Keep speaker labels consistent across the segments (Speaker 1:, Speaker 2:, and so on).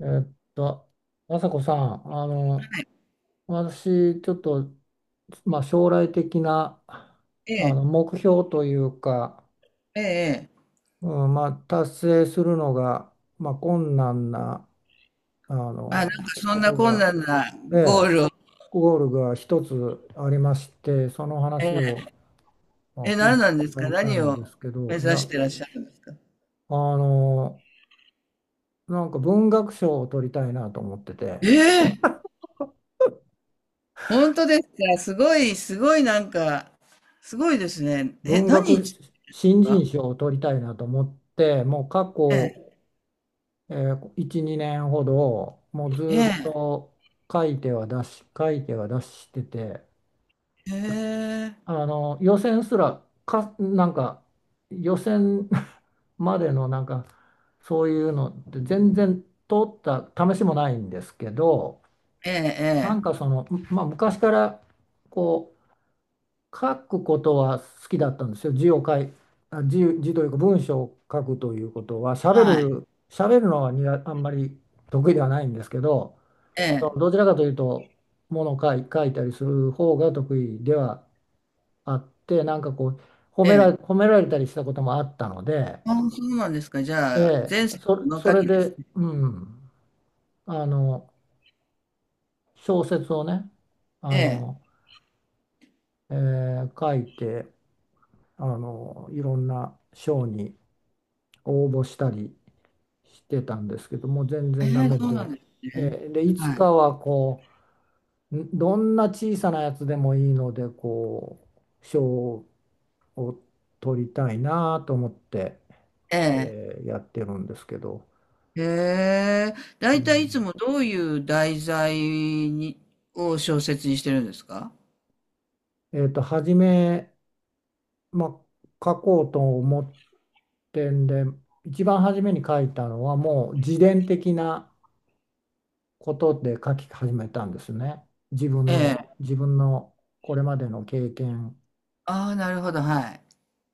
Speaker 1: えーっと、朝子さん、私、ちょっと、まあ、将来的な、
Speaker 2: ええ、
Speaker 1: 目標というか、
Speaker 2: ええええ。
Speaker 1: うん、まあ、達成するのが、まあ、困難な、
Speaker 2: あ、なんかそ
Speaker 1: こ
Speaker 2: んな
Speaker 1: と
Speaker 2: 困
Speaker 1: が、
Speaker 2: 難な
Speaker 1: え
Speaker 2: ゴ
Speaker 1: え、
Speaker 2: ールを。
Speaker 1: ゴールが一つありまして、その話
Speaker 2: ええ。
Speaker 1: を、まあ、
Speaker 2: え、
Speaker 1: 聞い
Speaker 2: 何
Speaker 1: て
Speaker 2: なんです
Speaker 1: もら
Speaker 2: か？
Speaker 1: いたい
Speaker 2: 何
Speaker 1: んで
Speaker 2: を
Speaker 1: すけ
Speaker 2: 目
Speaker 1: ど、いや、
Speaker 2: 指してらっしゃるんですか？
Speaker 1: の、なんか文学賞を取りたいなと思ってて、
Speaker 2: ええ、本当ですか？すごい、すごいなんか、すごいですね。え、
Speaker 1: 文
Speaker 2: 何
Speaker 1: 学
Speaker 2: 日です
Speaker 1: 新人
Speaker 2: か？
Speaker 1: 賞を取りたいなと思って、もう過
Speaker 2: え
Speaker 1: 去、
Speaker 2: え、
Speaker 1: 1、2年ほど、もうずっ
Speaker 2: え
Speaker 1: と書いては出し、書いては出してて、
Speaker 2: え、え、
Speaker 1: 予選すらか、なんか予選 までのなんかそういうのって全然通った試しもないんですけど、
Speaker 2: え
Speaker 1: なん
Speaker 2: え、
Speaker 1: か
Speaker 2: え、
Speaker 1: その、まあ、昔からこ書くことは好きだったんですよ。字を書い、あ、字、字というか文章を書くということは、喋
Speaker 2: はい、
Speaker 1: る、喋るのはあんまり得意ではないんですけど、
Speaker 2: え
Speaker 1: そ
Speaker 2: え、
Speaker 1: のどちらかというと、ものを書いたりする方が得意ではあって、なんかこう、褒
Speaker 2: え
Speaker 1: められ、
Speaker 2: え。
Speaker 1: 褒められたりしたこともあったので、
Speaker 2: ああ、そうなんですか。じ
Speaker 1: え
Speaker 2: ゃあ、
Speaker 1: え、
Speaker 2: 前世
Speaker 1: そ、
Speaker 2: の
Speaker 1: そ
Speaker 2: 書
Speaker 1: れ
Speaker 2: きです
Speaker 1: で、
Speaker 2: ね。
Speaker 1: うん、あの、小説をね、あ
Speaker 2: ええ、
Speaker 1: の、え書いて、いろんな賞に、応募したりしてたんですけども全
Speaker 2: え
Speaker 1: 然ダ
Speaker 2: え、
Speaker 1: メ
Speaker 2: そうなん
Speaker 1: で、
Speaker 2: ですね。
Speaker 1: えでいつ
Speaker 2: はい。
Speaker 1: かはどんな小さなやつでもいいので賞を取りたいなと思って、
Speaker 2: ええ。
Speaker 1: えやってるんですけど、
Speaker 2: へえ、だ
Speaker 1: う
Speaker 2: いたいいつ
Speaker 1: ん
Speaker 2: もどういう題材に、を小説にしてるんですか？
Speaker 1: 初め、まあ、書こうと思ってんで一番初めに書いたのはもう自伝的なことで書き始めたんですね。自分
Speaker 2: え
Speaker 1: の
Speaker 2: え。
Speaker 1: これまでの経験
Speaker 2: ああ、なるほど、はい。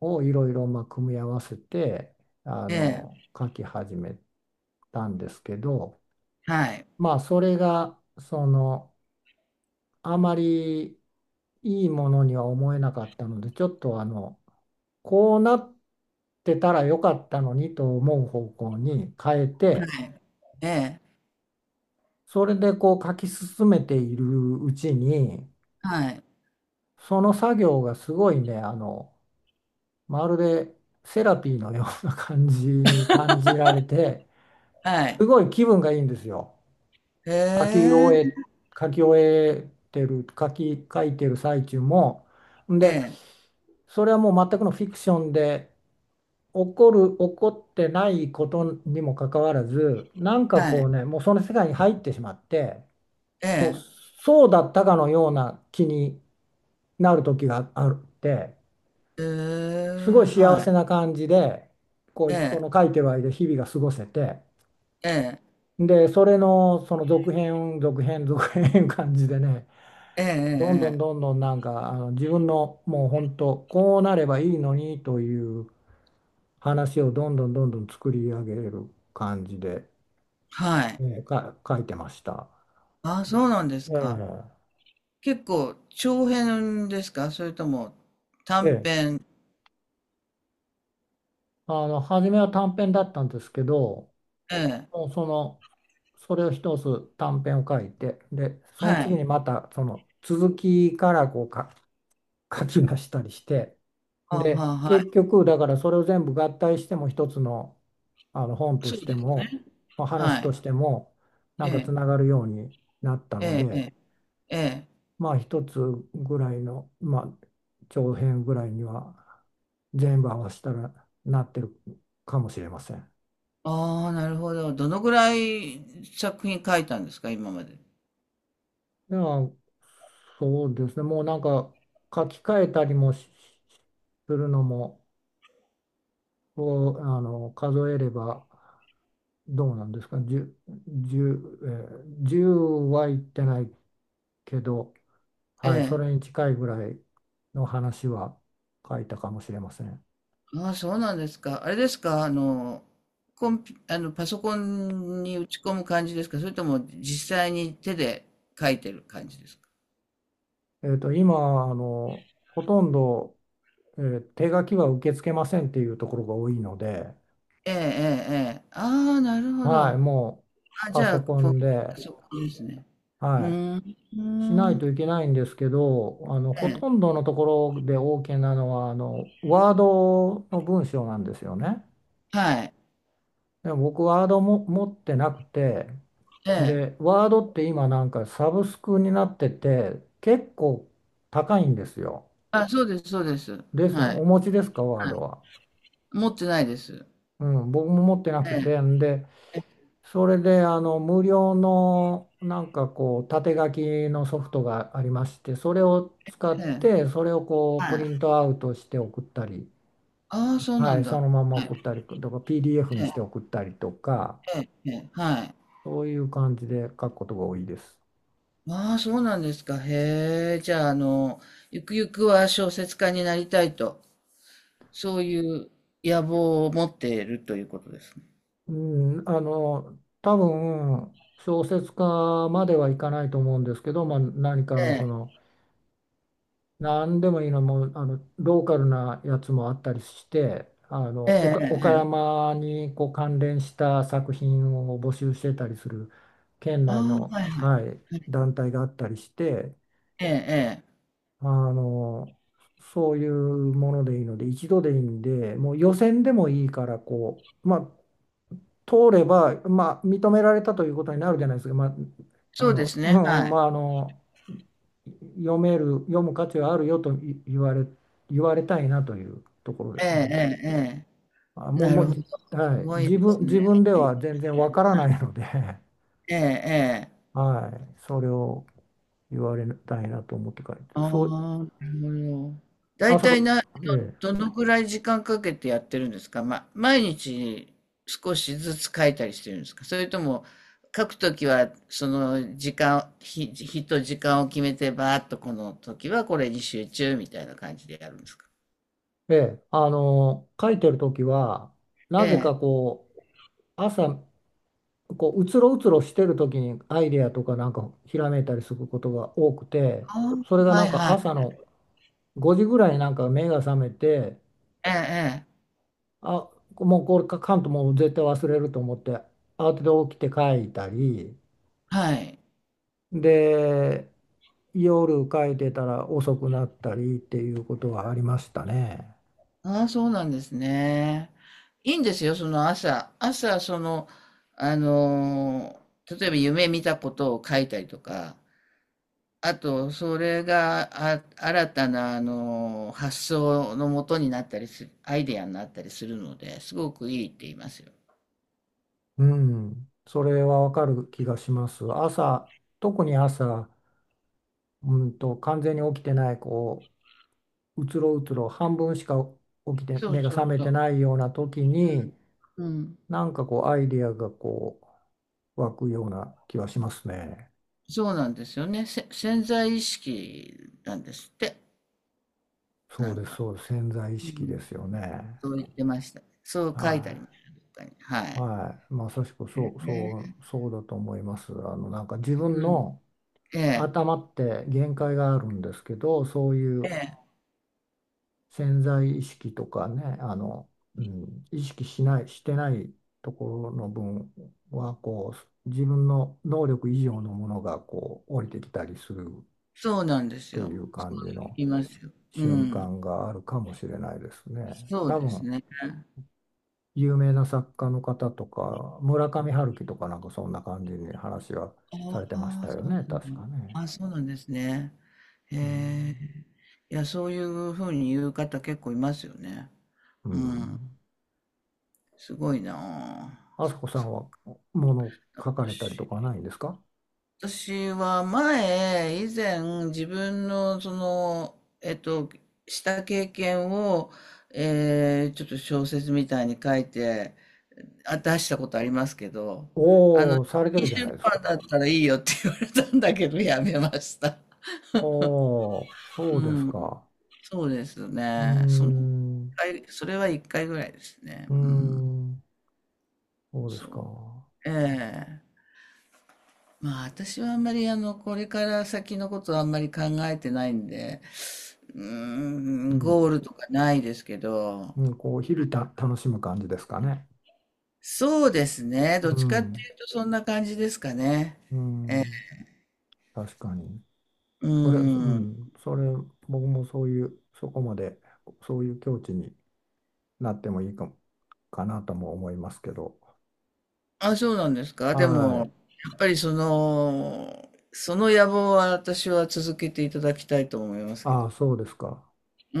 Speaker 1: をいろいろまあ組み合わせて
Speaker 2: ええ、
Speaker 1: 書き始めたんですけど、
Speaker 2: はい、
Speaker 1: まあそれがそのあまりいいものには思えなかったので、ちょっとこうなってたらよかったのにと思う方向に変えて、
Speaker 2: はい、ええ、
Speaker 1: それでこう書き進めているうちに、
Speaker 2: はい、
Speaker 1: その作業がすごいね、まるでセラピーのような感じに感じられて、
Speaker 2: はい。
Speaker 1: すごい気分がいいんですよ。
Speaker 2: へ
Speaker 1: 書き終
Speaker 2: え、
Speaker 1: え、書き終えてる、書き、書いてる最中も。ん
Speaker 2: え
Speaker 1: で、
Speaker 2: え、
Speaker 1: それはもう全くのフィクションで、起こってないことにもかかわらず、なんか
Speaker 2: は
Speaker 1: こう
Speaker 2: い、
Speaker 1: ね、もうその世界に入ってしまって、
Speaker 2: ええ、
Speaker 1: そうだったかのような気になる時があって、
Speaker 2: え
Speaker 1: すごい
Speaker 2: え、
Speaker 1: 幸
Speaker 2: は
Speaker 1: せ
Speaker 2: い、
Speaker 1: な感じで、こ
Speaker 2: え
Speaker 1: う、その
Speaker 2: え、
Speaker 1: 書いてはいる日々が過ごせて、
Speaker 2: ええ、
Speaker 1: で、それのその続編感じでね、
Speaker 2: ええ、
Speaker 1: どんどん
Speaker 2: え
Speaker 1: ど
Speaker 2: え、
Speaker 1: んどんなんか、自分のもう本当、こうなればいいのにという話をどんどんどんどん作り上げる感じで、
Speaker 2: はい。
Speaker 1: えーか、書いてました。
Speaker 2: ああ、
Speaker 1: で
Speaker 2: そうなんです
Speaker 1: え
Speaker 2: か。
Speaker 1: え
Speaker 2: 結構長編ですか、それとも短
Speaker 1: ええ
Speaker 2: 編？
Speaker 1: 初めは短編だったんですけど、
Speaker 2: ええ、
Speaker 1: もうその、それを一つ短編を書いて、で、その
Speaker 2: は
Speaker 1: 次
Speaker 2: い。
Speaker 1: にまたその続きからこうか書き出したりして、
Speaker 2: ああ、
Speaker 1: で、
Speaker 2: は
Speaker 1: 結
Speaker 2: い。
Speaker 1: 局、だからそれを全部合体しても一つの、本と
Speaker 2: そう
Speaker 1: し
Speaker 2: で
Speaker 1: て
Speaker 2: す
Speaker 1: も、
Speaker 2: ね。
Speaker 1: まあ
Speaker 2: は
Speaker 1: 話と
Speaker 2: い。
Speaker 1: しても、な
Speaker 2: え
Speaker 1: んかつ
Speaker 2: え、
Speaker 1: ながるようになったの
Speaker 2: ええ、え
Speaker 1: で、
Speaker 2: え、ええ。
Speaker 1: まあ一つぐらいの、まあ長編ぐらいには全部合わせたらなってるかもしれません。
Speaker 2: ああ、なるほど。どのぐらい作品書いたんですか、今まで。
Speaker 1: いや、そうですね。もうなんか書き換えたりもしするのも、こう、数えればどうなんですか。十十えー10はいってないけど、
Speaker 2: え
Speaker 1: はい、そ
Speaker 2: え。
Speaker 1: れに近いぐらいの話は書いたかもしれません。
Speaker 2: ああ、そうなんですか。あれですか、あの、コンピ、あの、パソコンに打ち込む感じですか、それとも実際に手で書いてる感じですか。
Speaker 1: 今、ほとんど、手書きは受け付けませんっていうところが多いので、
Speaker 2: ええ、ええ、ええ。ああ、なるほど。
Speaker 1: はい、もう
Speaker 2: あ、じ
Speaker 1: パ
Speaker 2: ゃ
Speaker 1: ソ
Speaker 2: あ、
Speaker 1: コ
Speaker 2: ポパ
Speaker 1: ンで、
Speaker 2: ソコンですね。うー
Speaker 1: は
Speaker 2: ん。う
Speaker 1: い。し
Speaker 2: ー
Speaker 1: ない
Speaker 2: ん、
Speaker 1: といけないんですけど、
Speaker 2: え
Speaker 1: ほと
Speaker 2: え。
Speaker 1: んどのところで OK なのはワードの文章なんですよね。
Speaker 2: はい。
Speaker 1: でも僕ワードも持ってなくて、
Speaker 2: ええ。
Speaker 1: で、ワードって今なんかサブスクになってて結構高いんですよ。
Speaker 2: あ、そうです、そうです。
Speaker 1: ですね。
Speaker 2: はい。
Speaker 1: お持ちですか、ワー
Speaker 2: は
Speaker 1: ド
Speaker 2: い。
Speaker 1: は。
Speaker 2: 持ってないです。
Speaker 1: うん、僕も持ってなく
Speaker 2: え
Speaker 1: て、んで、
Speaker 2: え、え
Speaker 1: それで無料のなんかこう縦書きのソフトがありましてそれを
Speaker 2: え、
Speaker 1: 使っ
Speaker 2: ええ、
Speaker 1: てそれをこうプ
Speaker 2: はい。
Speaker 1: リントアウトして送ったり、
Speaker 2: ああ、そうな
Speaker 1: は
Speaker 2: ん
Speaker 1: い、そ
Speaker 2: だ。
Speaker 1: のまま
Speaker 2: はい。
Speaker 1: 送ったりとか PDF に
Speaker 2: え
Speaker 1: し
Speaker 2: え、
Speaker 1: て送ったりとか
Speaker 2: ええ、ええ、はい。
Speaker 1: そういう感じで書くことが多いです。
Speaker 2: ああ、そうなんですか。へえ。じゃあ、ゆくゆくは小説家になりたいと、そういう野望を持っているということですね。
Speaker 1: うん、多分小説家まではいかないと思うんですけど、まあ、何かの
Speaker 2: え
Speaker 1: その何でもいいの、もうローカルなやつもあったりして、
Speaker 2: え、ええ、ええ、
Speaker 1: 岡
Speaker 2: ええ。
Speaker 1: 山にこう関連した作品を募集してたりする県内
Speaker 2: ああ、
Speaker 1: の、
Speaker 2: はいはい。
Speaker 1: はい、団体があったりして、
Speaker 2: ええ、ええ。
Speaker 1: あのそういうものでいいので、一度でいいんで、もう予選でもいいから、こう、まあ、通れば、まあ、認められたということになるじゃないですか、まあ、
Speaker 2: そうです
Speaker 1: う
Speaker 2: ね、
Speaker 1: んうん、
Speaker 2: は
Speaker 1: ま
Speaker 2: い。
Speaker 1: あ、読める、読む価値はあるよと言われたいなというところで
Speaker 2: え
Speaker 1: す
Speaker 2: え、え
Speaker 1: ね。
Speaker 2: え、え
Speaker 1: あ、
Speaker 2: え。な
Speaker 1: も
Speaker 2: る
Speaker 1: う、
Speaker 2: ほど。す
Speaker 1: はい、
Speaker 2: ごいです
Speaker 1: 自
Speaker 2: ね。
Speaker 1: 分では全然わからないので、
Speaker 2: ええ、ええ。
Speaker 1: はい、それを言われたいなと思って書いてる、
Speaker 2: ああ、
Speaker 1: そう、
Speaker 2: なるほど。
Speaker 1: あ
Speaker 2: 大
Speaker 1: そ
Speaker 2: 体
Speaker 1: こ、
Speaker 2: な、
Speaker 1: え
Speaker 2: どのくらい時間かけてやってるんですか？ま、毎日少しずつ書いたりしてるんですか？それとも書くときはその時間、日、日と時間を決めてバーッとこの時はこれに集中みたいな感じでやるんですか？
Speaker 1: え、ええ、書いてるときは、
Speaker 2: え
Speaker 1: なぜか
Speaker 2: え。
Speaker 1: こう、朝、こう、うつろうつろしてるときにアイデアとかなんかひらめいたりすることが多くて、
Speaker 2: あ
Speaker 1: それが
Speaker 2: あ、
Speaker 1: な
Speaker 2: は
Speaker 1: ん
Speaker 2: い
Speaker 1: か
Speaker 2: はい。
Speaker 1: 朝の5時ぐらいになんか目が覚めて、
Speaker 2: ええ、ええ。
Speaker 1: あ、もうこれ書かんともう絶対忘れると思って慌てて起きて書いたり
Speaker 2: はい。
Speaker 1: で夜書いてたら遅くなったりっていうことはありましたね。
Speaker 2: ああ、そうなんですね。いいんですよ、その朝。朝、その、あの例えば夢見たことを書いたりとか、あと、それが、あ、新たな、発想のもとになったりする、アイデアになったりするので、すごくいいって言いますよ。
Speaker 1: うん、それはわかる気がします。朝、特に朝、うんと完全に起きてないこううつろうつろ半分しか起きて
Speaker 2: そう
Speaker 1: 目が
Speaker 2: そ
Speaker 1: 覚
Speaker 2: う
Speaker 1: め
Speaker 2: そ
Speaker 1: て
Speaker 2: う。
Speaker 1: ないような時
Speaker 2: うん。
Speaker 1: に
Speaker 2: うん。
Speaker 1: なんかこうアイディアがこう湧くような気はしますね。
Speaker 2: そうなんですよね。潜在意識なんですって。
Speaker 1: そ
Speaker 2: な
Speaker 1: う
Speaker 2: ん
Speaker 1: です、
Speaker 2: か。
Speaker 1: そうです、潜在意
Speaker 2: う
Speaker 1: 識
Speaker 2: ん。
Speaker 1: ですよね。
Speaker 2: そう言ってました。そう書いてあ
Speaker 1: は
Speaker 2: りました。どっかに、は
Speaker 1: い。
Speaker 2: い。
Speaker 1: はい。まさしくそう、そう、そうだと思います。なんか自分
Speaker 2: うん。
Speaker 1: の
Speaker 2: ええ、
Speaker 1: 頭って限界があるんですけど、そうい
Speaker 2: え
Speaker 1: う
Speaker 2: え、
Speaker 1: 潜在意識とかね、うん、意識しない、してないところの分は、こう、自分の能力以上のものが、こう、降りてきたりするっ
Speaker 2: そうなんです
Speaker 1: て
Speaker 2: よ。
Speaker 1: いう
Speaker 2: そ
Speaker 1: 感じ
Speaker 2: う
Speaker 1: の
Speaker 2: 言いますよ。う
Speaker 1: 瞬
Speaker 2: ん。
Speaker 1: 間があるかもしれないですね。
Speaker 2: そう
Speaker 1: 多
Speaker 2: です
Speaker 1: 分
Speaker 2: ね。
Speaker 1: 有名な作家の方とか、村上春樹とかなんかそんな感じに話は
Speaker 2: あ
Speaker 1: されてました
Speaker 2: あ、
Speaker 1: よ
Speaker 2: そう
Speaker 1: ね、
Speaker 2: なん
Speaker 1: 確か
Speaker 2: だ。
Speaker 1: ね。
Speaker 2: あ、そうなんですね。へ
Speaker 1: うん。
Speaker 2: え。いや、そういうふうに言う方結構いますよね。
Speaker 1: う
Speaker 2: うん。
Speaker 1: ん。
Speaker 2: すごいな
Speaker 1: あさこさんはもの
Speaker 2: あ。
Speaker 1: 書かれたりと
Speaker 2: 私
Speaker 1: かないんですか？
Speaker 2: 私は前、以前、自分の、その、えっと、した経験を、ちょっと小説みたいに書いて、あ、出したことありますけど、
Speaker 1: おおー、されて
Speaker 2: いい
Speaker 1: るじゃない
Speaker 2: 出
Speaker 1: です
Speaker 2: 版
Speaker 1: か。
Speaker 2: だったらいいよって言われたんだけど、やめました。
Speaker 1: おお、そう
Speaker 2: う
Speaker 1: です
Speaker 2: ん。
Speaker 1: か。
Speaker 2: そうです
Speaker 1: うー
Speaker 2: ね。その一
Speaker 1: ん。う
Speaker 2: 回、それは一回ぐらいですね。
Speaker 1: ー
Speaker 2: うん。
Speaker 1: ん。そうですか。
Speaker 2: そう。ええ、まあ私はあんまり、あの、これから先のことはあんまり考えてないんで、う
Speaker 1: う
Speaker 2: ーん、ゴー
Speaker 1: ん。
Speaker 2: ルとかないですけど、
Speaker 1: うん、こう、日々楽しむ感じですかね。
Speaker 2: そうですね。
Speaker 1: う
Speaker 2: どっちかって
Speaker 1: ん。
Speaker 2: いうとそんな感じですかね。
Speaker 1: うん。確かに。
Speaker 2: う
Speaker 1: それ、う
Speaker 2: ん。
Speaker 1: ん、それ、僕もそういう、そこまで、そういう境地になってもいいかも、かなとも思いますけど。
Speaker 2: あ、そうなんですか。でも、
Speaker 1: は
Speaker 2: や
Speaker 1: い。
Speaker 2: っぱりその、その野望は私は続けていただきたいと思いますけ
Speaker 1: あ
Speaker 2: ど。
Speaker 1: あ、そうですか。
Speaker 2: う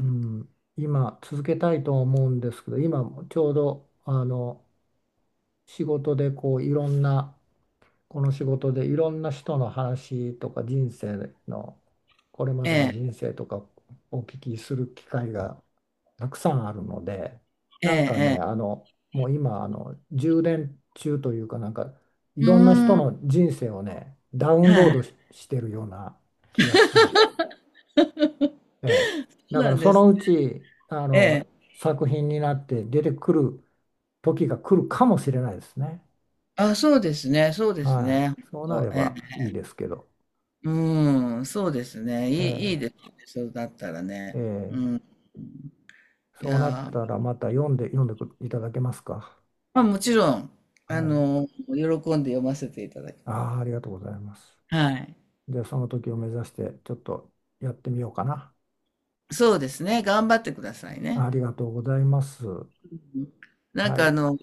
Speaker 1: うん。今、続けたいとは思うんですけど、今、ちょうど、仕事で、こう、いろんな、この仕事で、いろんな人の話とか、人生の、これま
Speaker 2: え
Speaker 1: での人
Speaker 2: え、
Speaker 1: 生とか、お聞きする機会がたくさんあるので、
Speaker 2: え
Speaker 1: なんかね、
Speaker 2: え、
Speaker 1: もう今、充電中というか、なんか、い
Speaker 2: ええ。う
Speaker 1: ろんな人
Speaker 2: ん。
Speaker 1: の人生をね、ダウンロ
Speaker 2: は
Speaker 1: ード
Speaker 2: い。
Speaker 1: し、してるような気がしてます。ええ。
Speaker 2: そ
Speaker 1: だ
Speaker 2: う
Speaker 1: か
Speaker 2: な
Speaker 1: ら、
Speaker 2: ん
Speaker 1: そ
Speaker 2: です。
Speaker 1: のうち、
Speaker 2: ええ。
Speaker 1: 作品になって出てくる時が来るかもしれないですね。
Speaker 2: あ、そうですね。そうです
Speaker 1: は
Speaker 2: ね。ほん
Speaker 1: い。そうな
Speaker 2: と、
Speaker 1: れ
Speaker 2: ええ、
Speaker 1: ばいいですけど。
Speaker 2: うーん、そうですね。いい
Speaker 1: え
Speaker 2: ですね、そうだったら
Speaker 1: え。え
Speaker 2: ね。う
Speaker 1: え。
Speaker 2: ん。い
Speaker 1: そうなっ
Speaker 2: や
Speaker 1: た
Speaker 2: ー、
Speaker 1: ら、また読んでいただけますか。
Speaker 2: ま、もちろん、
Speaker 1: はい。
Speaker 2: 喜んで読ませていただきます。
Speaker 1: ああ、ありがとうございます。
Speaker 2: はい。
Speaker 1: で、その時を目指してちょっとやってみようかな。
Speaker 2: そうですね、頑張ってください
Speaker 1: あ
Speaker 2: ね。
Speaker 1: りがとうございます。
Speaker 2: うん。なん
Speaker 1: は
Speaker 2: か、あ
Speaker 1: い。
Speaker 2: の、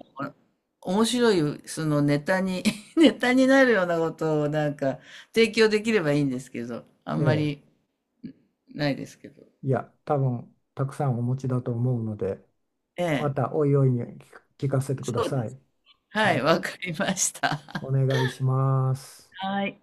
Speaker 2: 面白いそのネタに、 ネタになるようなことをなんか提供できればいいんですけど、あ
Speaker 1: え
Speaker 2: んま
Speaker 1: え、
Speaker 2: りないですけど。
Speaker 1: いや、多分たくさんお持ちだと思うので、
Speaker 2: え
Speaker 1: ま
Speaker 2: え、
Speaker 1: たおいおいに聞かせてくだ
Speaker 2: そう
Speaker 1: さ
Speaker 2: です。
Speaker 1: い。
Speaker 2: は
Speaker 1: は
Speaker 2: い、
Speaker 1: い。
Speaker 2: わかりました。
Speaker 1: お 願いします。
Speaker 2: はい。